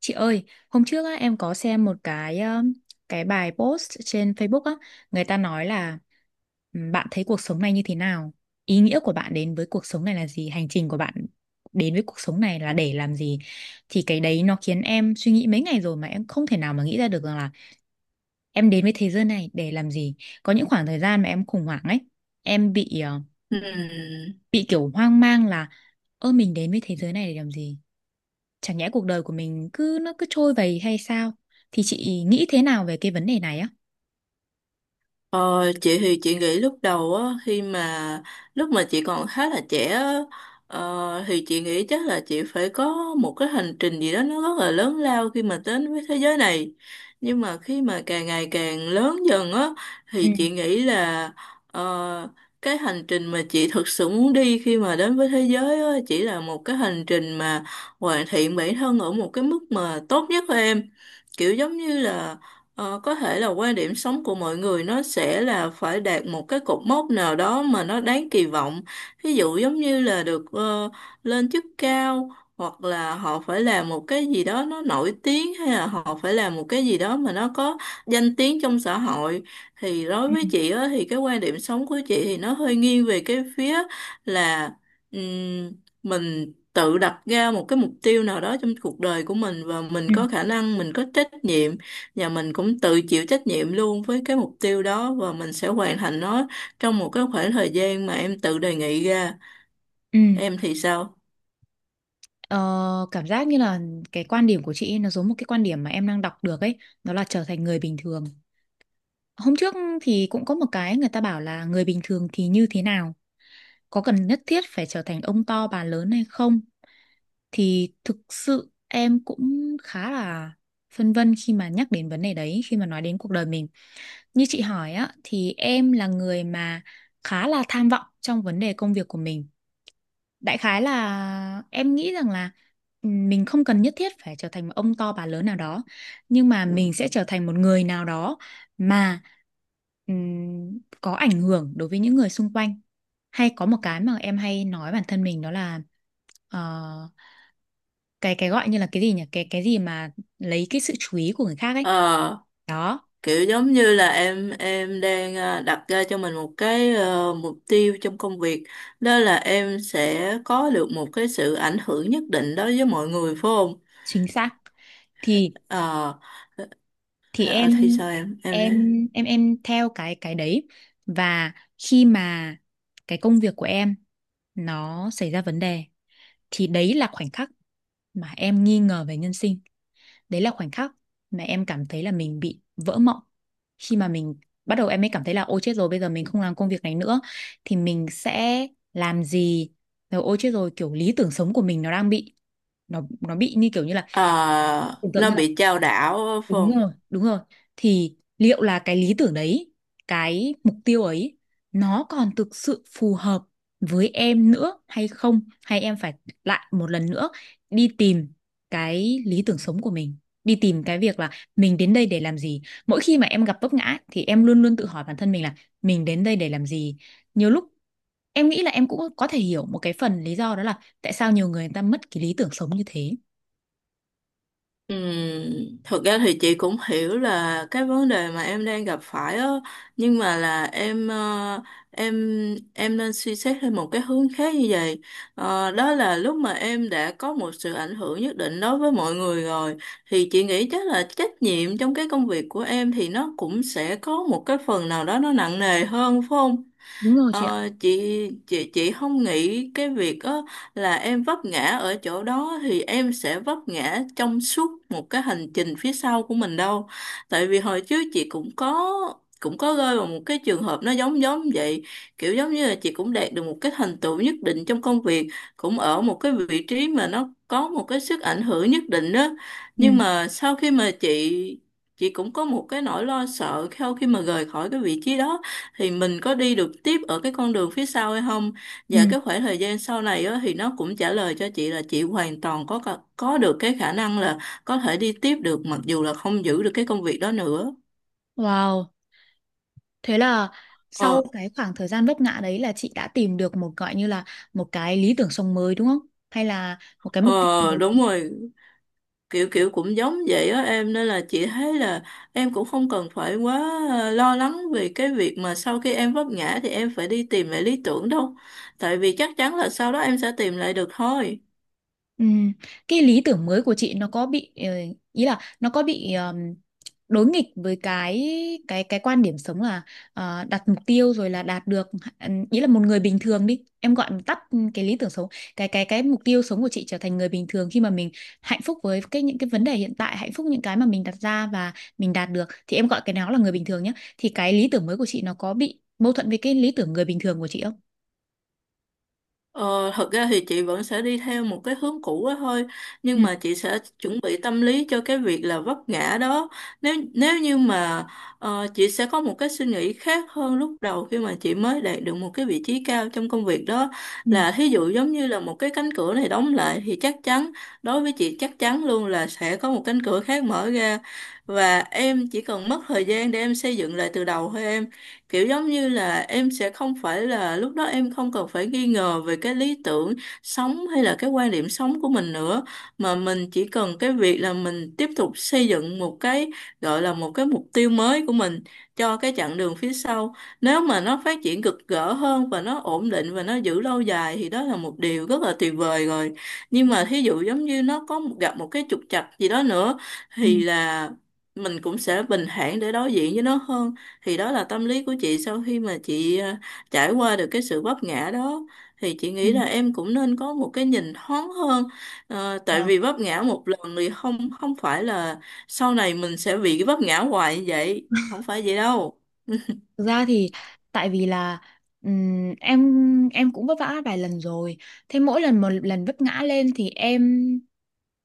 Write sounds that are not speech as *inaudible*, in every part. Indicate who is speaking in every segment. Speaker 1: Chị ơi, hôm trước á, em có xem một cái bài post trên Facebook á, người ta nói là Bạn thấy cuộc sống này như thế nào? Ý nghĩa của bạn đến với cuộc sống này là gì? Hành trình của bạn đến với cuộc sống này là để làm gì?" Thì cái đấy nó khiến em suy nghĩ mấy ngày rồi mà em không thể nào mà nghĩ ra được rằng là em đến với thế giới này để làm gì. Có những khoảng thời gian mà em khủng hoảng ấy, em bị
Speaker 2: Ừm,
Speaker 1: bị kiểu hoang mang là ơ, mình đến với thế giới này để làm gì? Chẳng nhẽ cuộc đời của mình cứ nó cứ trôi vầy hay sao? Thì chị nghĩ thế nào về cái vấn đề này á?
Speaker 2: Ờ, chị thì chị nghĩ lúc đầu á, khi mà lúc mà chị còn khá là trẻ á, thì chị nghĩ chắc là chị phải có một cái hành trình gì đó nó rất là lớn lao khi mà đến với thế giới này. Nhưng mà khi mà càng ngày càng lớn dần á
Speaker 1: Ừ,
Speaker 2: thì chị nghĩ là, ờ, cái hành trình mà chị thực sự muốn đi khi mà đến với thế giới á chỉ là một cái hành trình mà hoàn thiện bản thân ở một cái mức mà tốt nhất của em. Kiểu giống như là, có thể là quan điểm sống của mọi người nó sẽ là phải đạt một cái cột mốc nào đó mà nó đáng kỳ vọng. Ví dụ giống như là được lên chức cao, hoặc là họ phải làm một cái gì đó nó nổi tiếng, hay là họ phải làm một cái gì đó mà nó có danh tiếng trong xã hội. Thì đối
Speaker 1: ừ,
Speaker 2: với chị á, thì cái quan điểm sống của chị thì nó hơi nghiêng về cái phía là, ừm, mình tự đặt ra một cái mục tiêu nào đó trong cuộc đời của mình, và mình
Speaker 1: ừ,
Speaker 2: có khả năng, mình có trách nhiệm, và mình cũng tự chịu trách nhiệm luôn với cái mục tiêu đó, và mình sẽ hoàn thành nó trong một cái khoảng thời gian mà em tự đề nghị ra.
Speaker 1: ừ,
Speaker 2: Em thì sao?
Speaker 1: ờ, cảm giác như là cái quan điểm của chị nó giống một cái quan điểm mà em đang đọc được ấy, đó là trở thành người bình thường. Hôm trước thì cũng có một cái người ta bảo là người bình thường thì như thế nào? Có cần nhất thiết phải trở thành ông to bà lớn hay không? Thì thực sự em cũng khá là phân vân khi mà nhắc đến vấn đề đấy, khi mà nói đến cuộc đời mình. Như chị hỏi á, thì em là người mà khá là tham vọng trong vấn đề công việc của mình, đại khái là em nghĩ rằng là mình không cần nhất thiết phải trở thành một ông to bà lớn nào đó, nhưng mà mình sẽ trở thành một người nào đó mà có ảnh hưởng đối với những người xung quanh, hay có một cái mà em hay nói bản thân mình đó là ờ, cái gọi như là cái gì nhỉ, cái gì mà lấy cái sự chú ý của người khác ấy,
Speaker 2: ờ
Speaker 1: đó.
Speaker 2: Kiểu giống như là em đang đặt ra cho mình một cái mục tiêu trong công việc, đó là em sẽ có được một cái sự ảnh hưởng nhất định đối với mọi người, phải không?
Speaker 1: Chính xác. thì
Speaker 2: Ờ
Speaker 1: thì
Speaker 2: ờ, thì sao em
Speaker 1: em
Speaker 2: nói-
Speaker 1: em theo cái đấy, và khi mà cái công việc của em nó xảy ra vấn đề thì đấy là khoảnh khắc mà em nghi ngờ về nhân sinh, đấy là khoảnh khắc mà em cảm thấy là mình bị vỡ mộng, khi mà mình bắt đầu em mới cảm thấy là ôi chết rồi bây giờ mình không làm công việc này nữa thì mình sẽ làm gì, rồi ôi chết rồi kiểu lý tưởng sống của mình nó đang bị, nó bị như kiểu như là
Speaker 2: ờ
Speaker 1: tưởng tượng
Speaker 2: Nó
Speaker 1: như là.
Speaker 2: bị chao đảo, phải
Speaker 1: Đúng
Speaker 2: không?
Speaker 1: rồi, đúng rồi. Thì liệu là cái lý tưởng đấy, cái mục tiêu ấy, nó còn thực sự phù hợp với em nữa hay không? Hay em phải lại một lần nữa đi tìm cái lý tưởng sống của mình, đi tìm cái việc là mình đến đây để làm gì. Mỗi khi mà em gặp vấp ngã ấy, thì em luôn luôn tự hỏi bản thân mình là mình đến đây để làm gì. Nhiều lúc em nghĩ là em cũng có thể hiểu một cái phần lý do đó là tại sao nhiều người người ta mất cái lý tưởng sống như thế.
Speaker 2: Thực ra thì chị cũng hiểu là cái vấn đề mà em đang gặp phải á, nhưng mà là em em nên suy xét theo một cái hướng khác như vậy. Đó là lúc mà em đã có một sự ảnh hưởng nhất định đối với mọi người rồi, thì chị nghĩ chắc là trách nhiệm trong cái công việc của em thì nó cũng sẽ có một cái phần nào đó nó nặng nề hơn, phải không?
Speaker 1: Đúng rồi chị ạ.
Speaker 2: Ờ, chị chị không nghĩ cái việc đó là em vấp ngã ở chỗ đó thì em sẽ vấp ngã trong suốt một cái hành trình phía sau của mình đâu. Tại vì hồi trước chị cũng có rơi vào một cái trường hợp nó giống giống vậy, kiểu giống như là chị cũng đạt được một cái thành tựu nhất định trong công việc, cũng ở một cái vị trí mà nó có một cái sức ảnh hưởng nhất định đó.
Speaker 1: Ừ,
Speaker 2: Nhưng mà sau khi mà chị cũng có một cái nỗi lo sợ sau khi mà rời khỏi cái vị trí đó, thì mình có đi được tiếp ở cái con đường phía sau hay không.
Speaker 1: ừ.
Speaker 2: Và cái khoảng thời gian sau này á, thì nó cũng trả lời cho chị là chị hoàn toàn có được cái khả năng là có thể đi tiếp được, mặc dù là không giữ được cái công việc đó nữa.
Speaker 1: Wow. Thế là
Speaker 2: ờ
Speaker 1: sau cái khoảng thời gian vấp ngã đấy là chị đã tìm được một gọi như là một cái lý tưởng sống mới đúng không? Hay là một cái
Speaker 2: ờ
Speaker 1: mục tiêu
Speaker 2: Đúng
Speaker 1: mới.
Speaker 2: rồi, kiểu kiểu cũng giống vậy á em, nên là chị thấy là em cũng không cần phải quá lo lắng về cái việc mà sau khi em vấp ngã thì em phải đi tìm lại lý tưởng đâu, tại vì chắc chắn là sau đó em sẽ tìm lại được thôi.
Speaker 1: Ừ. Cái lý tưởng mới của chị nó có bị ý là nó có bị đối nghịch với cái quan điểm sống là đặt mục tiêu rồi là đạt được, ừ, ý là một người bình thường đi em gọi tắt, cái lý tưởng sống, cái mục tiêu sống của chị trở thành người bình thường khi mà mình hạnh phúc với cái những cái vấn đề hiện tại, hạnh phúc những cái mà mình đặt ra và mình đạt được thì em gọi cái đó là người bình thường nhé, thì cái lý tưởng mới của chị nó có bị mâu thuẫn với cái lý tưởng người bình thường của chị không?
Speaker 2: Ờ, Thật ra thì chị vẫn sẽ đi theo một cái hướng cũ đó thôi,
Speaker 1: Ừ,
Speaker 2: nhưng mà chị sẽ chuẩn bị tâm lý cho cái việc là vấp ngã đó. Nếu nếu như mà, chị sẽ có một cái suy nghĩ khác hơn lúc đầu khi mà chị mới đạt được một cái vị trí cao trong công việc đó,
Speaker 1: ừ,
Speaker 2: là thí dụ giống như là một cái cánh cửa này đóng lại thì chắc chắn, đối với chị chắc chắn luôn là sẽ có một cánh cửa khác mở ra, và em chỉ cần mất thời gian để em xây dựng lại từ đầu thôi em. Kiểu giống như là em sẽ không phải là, lúc đó em không cần phải nghi ngờ về cái lý tưởng sống hay là cái quan điểm sống của mình nữa, mà mình chỉ cần cái việc là mình tiếp tục xây dựng một cái, gọi là một cái mục tiêu mới của mình cho cái chặng đường phía sau. Nếu mà nó phát triển cực gỡ hơn và nó ổn định và nó giữ lâu dài thì đó là một điều rất là tuyệt vời rồi. Nhưng mà thí dụ giống như nó gặp một cái trục trặc gì đó nữa
Speaker 1: ừ,
Speaker 2: thì là mình cũng sẽ bình thản để đối diện với nó hơn. Thì đó là tâm lý của chị sau khi mà chị trải qua được cái sự vấp ngã đó, thì chị nghĩ là em cũng nên có một cái nhìn thoáng hơn. Tại
Speaker 1: ừ.
Speaker 2: vì vấp ngã một lần thì không không phải là sau này mình sẽ bị cái vấp ngã hoài như vậy, không phải vậy đâu.
Speaker 1: Thực ra thì tại vì là em cũng vấp vã vài lần rồi. Thế mỗi lần một lần vấp ngã lên thì em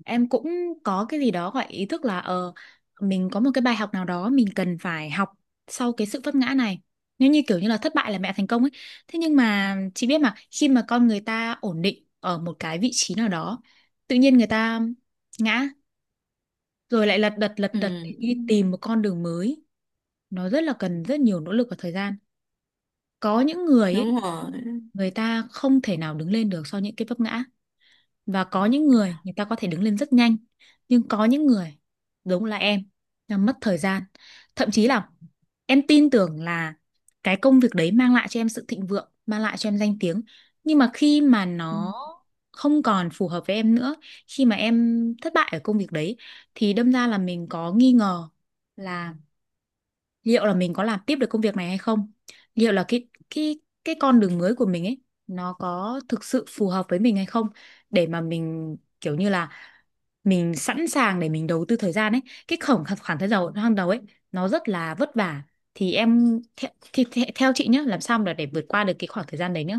Speaker 1: em cũng có cái gì đó gọi ý thức là ờ, mình có một cái bài học nào đó mình cần phải học sau cái sự vấp ngã này. Nếu như kiểu như là thất bại là mẹ thành công ấy. Thế nhưng mà chị biết mà khi mà con người ta ổn định ở một cái vị trí nào đó, tự nhiên người ta ngã rồi lại lật
Speaker 2: Ừ.
Speaker 1: đật để đi tìm một con đường mới. Nó rất là cần rất nhiều nỗ lực và thời gian, có những người ấy,
Speaker 2: Đúng rồi,
Speaker 1: người ta không thể nào đứng lên được sau những cái vấp ngã, và có những người người ta có thể đứng lên rất nhanh, nhưng có những người giống là em là mất thời gian, thậm chí là em tin tưởng là cái công việc đấy mang lại cho em sự thịnh vượng, mang lại cho em danh tiếng, nhưng mà khi mà nó không còn phù hợp với em nữa, khi mà em thất bại ở công việc đấy, thì đâm ra là mình có nghi ngờ là liệu là mình có làm tiếp được công việc này hay không, liệu là cái con đường mới của mình ấy nó có thực sự phù hợp với mình hay không, để mà mình kiểu như là mình sẵn sàng để mình đầu tư thời gian ấy, cái khoảng khoảng thời gian ban đầu ấy nó rất là vất vả, thì theo chị nhé, làm sao mà để vượt qua được cái khoảng thời gian đấy nhá?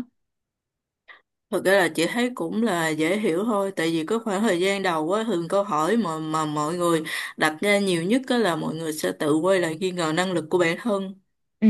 Speaker 2: thực ra là chị thấy cũng là dễ hiểu thôi, tại vì có khoảng thời gian đầu á, thường câu hỏi mà mọi người đặt ra nhiều nhất á là mọi người sẽ tự quay lại nghi ngờ năng lực của bản thân.
Speaker 1: Ừ,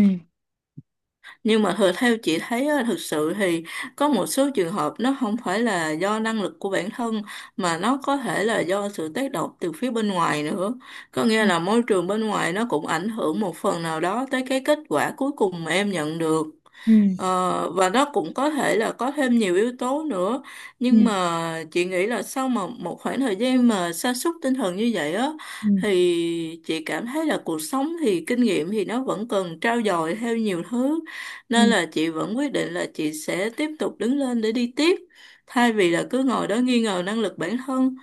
Speaker 2: Nhưng mà thật theo chị thấy á, thực sự thì có một số trường hợp nó không phải là do năng lực của bản thân, mà nó có thể là do sự tác động từ phía bên ngoài nữa. Có nghĩa
Speaker 1: ừ,
Speaker 2: là môi trường bên ngoài nó cũng ảnh hưởng một phần nào đó tới cái kết quả cuối cùng mà em nhận được.
Speaker 1: ừ,
Speaker 2: Và nó cũng có thể là có thêm nhiều yếu tố nữa,
Speaker 1: ừ,
Speaker 2: nhưng mà chị nghĩ là sau mà một khoảng thời gian mà sa sút tinh thần như vậy á,
Speaker 1: ừ,
Speaker 2: thì chị cảm thấy là cuộc sống thì kinh nghiệm thì nó vẫn cần trau dồi theo nhiều thứ, nên là chị vẫn quyết định là chị sẽ tiếp tục đứng lên để đi tiếp, thay vì là cứ ngồi đó nghi ngờ năng lực bản thân.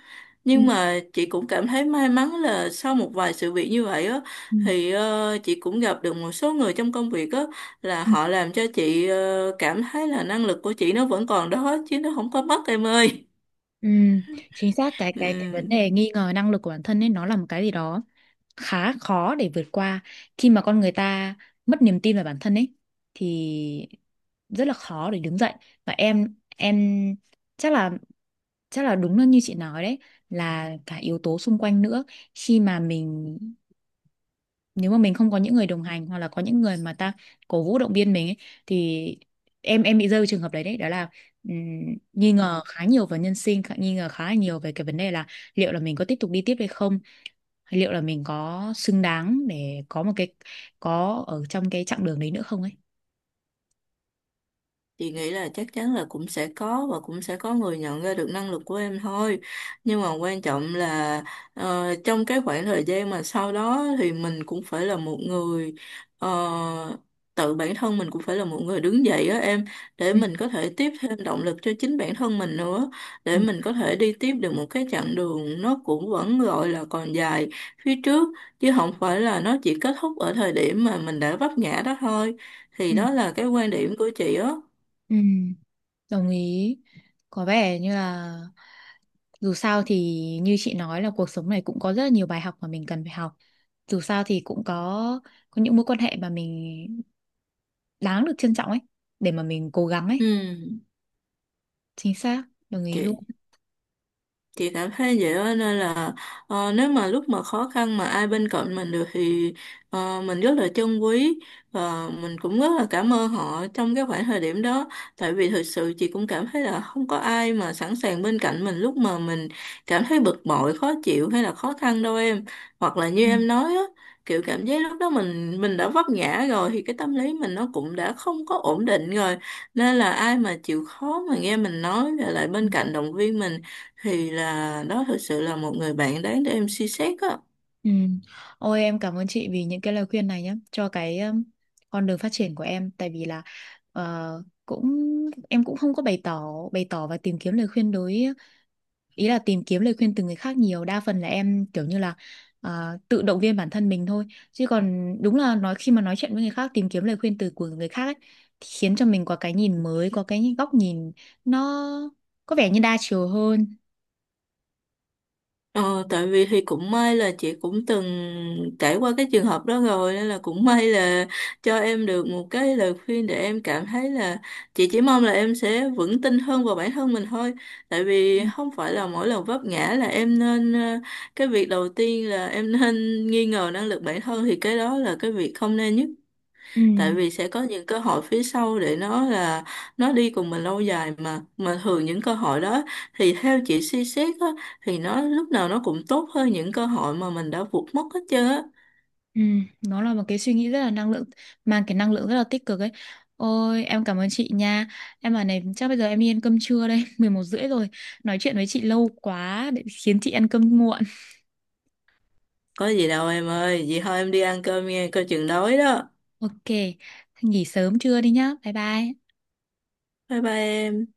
Speaker 1: ừ,
Speaker 2: Nhưng mà chị cũng cảm thấy may mắn là sau một vài sự việc như vậy á,
Speaker 1: ừ,
Speaker 2: thì chị cũng gặp được một số người trong công việc á, là
Speaker 1: ừ,
Speaker 2: họ làm cho chị cảm thấy là năng lực của chị nó vẫn còn đó chứ nó không có mất em ơi.
Speaker 1: ừ. chính xác, cái
Speaker 2: Ừ.
Speaker 1: vấn đề nghi ngờ năng lực của bản thân ấy nó là một cái gì đó khá khó để vượt qua, khi mà con người ta mất niềm tin vào bản thân ấy thì rất là khó để đứng dậy. Và em chắc là chắc là đúng là như chị nói đấy, là cả yếu tố xung quanh nữa, khi mà mình, nếu mà mình không có những người đồng hành hoặc là có những người mà ta cổ vũ động viên mình ấy, thì em bị rơi vào trường hợp đấy đấy đó là ừm, nghi ngờ khá nhiều về nhân sinh, nghi ngờ khá là nhiều về cái vấn đề là liệu là mình có tiếp tục đi tiếp hay không, hay liệu là mình có xứng đáng để có một cái, có ở trong cái chặng đường đấy nữa không ấy.
Speaker 2: Chị nghĩ là chắc chắn là cũng sẽ có, và cũng sẽ có người nhận ra được năng lực của em thôi. Nhưng mà quan trọng là, trong cái khoảng thời gian mà sau đó thì mình cũng phải là một người, ờ, tự bản thân mình cũng phải là một người đứng dậy á em, để
Speaker 1: Ừ,
Speaker 2: mình có thể tiếp thêm động lực cho chính bản thân mình nữa,
Speaker 1: ừ,
Speaker 2: để mình có thể đi tiếp được một cái chặng đường nó cũng vẫn gọi là còn dài phía trước, chứ không phải là nó chỉ kết thúc ở thời điểm mà mình đã vấp ngã đó thôi. Thì
Speaker 1: ừ,
Speaker 2: đó là cái quan điểm của chị á.
Speaker 1: ừ, đồng ý. Có vẻ như là, dù sao thì như chị nói là cuộc sống này cũng có rất là nhiều bài học mà mình cần phải học. Dù sao thì cũng có những mối quan hệ mà mình đáng được trân trọng ấy để mà mình cố gắng
Speaker 2: Ừ,
Speaker 1: ấy. Chính xác, đồng ý luôn.
Speaker 2: chị chị cảm thấy vậy đó, nên là nếu mà lúc mà khó khăn mà ai bên cạnh mình được thì mình rất là trân quý, và mình cũng rất là cảm ơn họ trong cái khoảng thời điểm đó. Tại vì thực sự chị cũng cảm thấy là không có ai mà sẵn sàng bên cạnh mình lúc mà mình cảm thấy bực bội khó chịu hay là khó khăn đâu em, hoặc là như
Speaker 1: Ừ.
Speaker 2: em nói á, kiểu cảm giác lúc đó mình đã vấp ngã rồi thì cái tâm lý mình nó cũng đã không có ổn định rồi, nên là ai mà chịu khó mà nghe mình nói rồi lại
Speaker 1: Ừ.
Speaker 2: bên cạnh động viên mình thì là đó thực sự là một người bạn đáng để em suy xét á.
Speaker 1: Ừ. Ôi em cảm ơn chị vì những cái lời khuyên này nhé cho cái con đường phát triển của em, tại vì là ờ, em cũng không có bày tỏ, bày tỏ và tìm kiếm lời khuyên đối, ý là tìm kiếm lời khuyên từ người khác nhiều, đa phần là em kiểu như là à, tự động viên bản thân mình thôi, chứ còn đúng là nói khi mà nói chuyện với người khác tìm kiếm lời khuyên từ của người khác ấy, thì khiến cho mình có cái nhìn mới, có cái góc nhìn nó có vẻ như đa chiều hơn.
Speaker 2: Ờ, Tại vì thì cũng may là chị cũng từng trải qua cái trường hợp đó rồi, nên là cũng may là cho em được một cái lời khuyên để em cảm thấy là, chị chỉ mong là em sẽ vững tin hơn vào bản thân mình thôi. Tại vì không phải là mỗi lần vấp ngã là cái việc đầu tiên là em *laughs* nên nghi ngờ năng lực bản thân, thì cái đó là cái việc không nên nhất.
Speaker 1: Ừ.
Speaker 2: Tại vì sẽ có những cơ hội phía sau để nó là nó đi cùng mình lâu dài, mà thường những cơ hội đó thì theo chị suy xét á, thì nó lúc nào nó cũng tốt hơn những cơ hội mà mình đã vụt mất hết trơn á.
Speaker 1: Ừ. Nó là một cái suy nghĩ rất là năng lượng, mang cái năng lượng rất là tích cực ấy. Ôi em cảm ơn chị nha. Em bảo này, chắc bây giờ em đi ăn cơm trưa đây *laughs* 11h30 rồi, nói chuyện với chị lâu quá để khiến chị ăn cơm muộn.
Speaker 2: Có gì đâu em ơi, vậy thôi em đi ăn cơm nghe, coi chừng đói đó.
Speaker 1: Ok, nghỉ sớm trưa đi nhá. Bye bye.
Speaker 2: Bye bye em.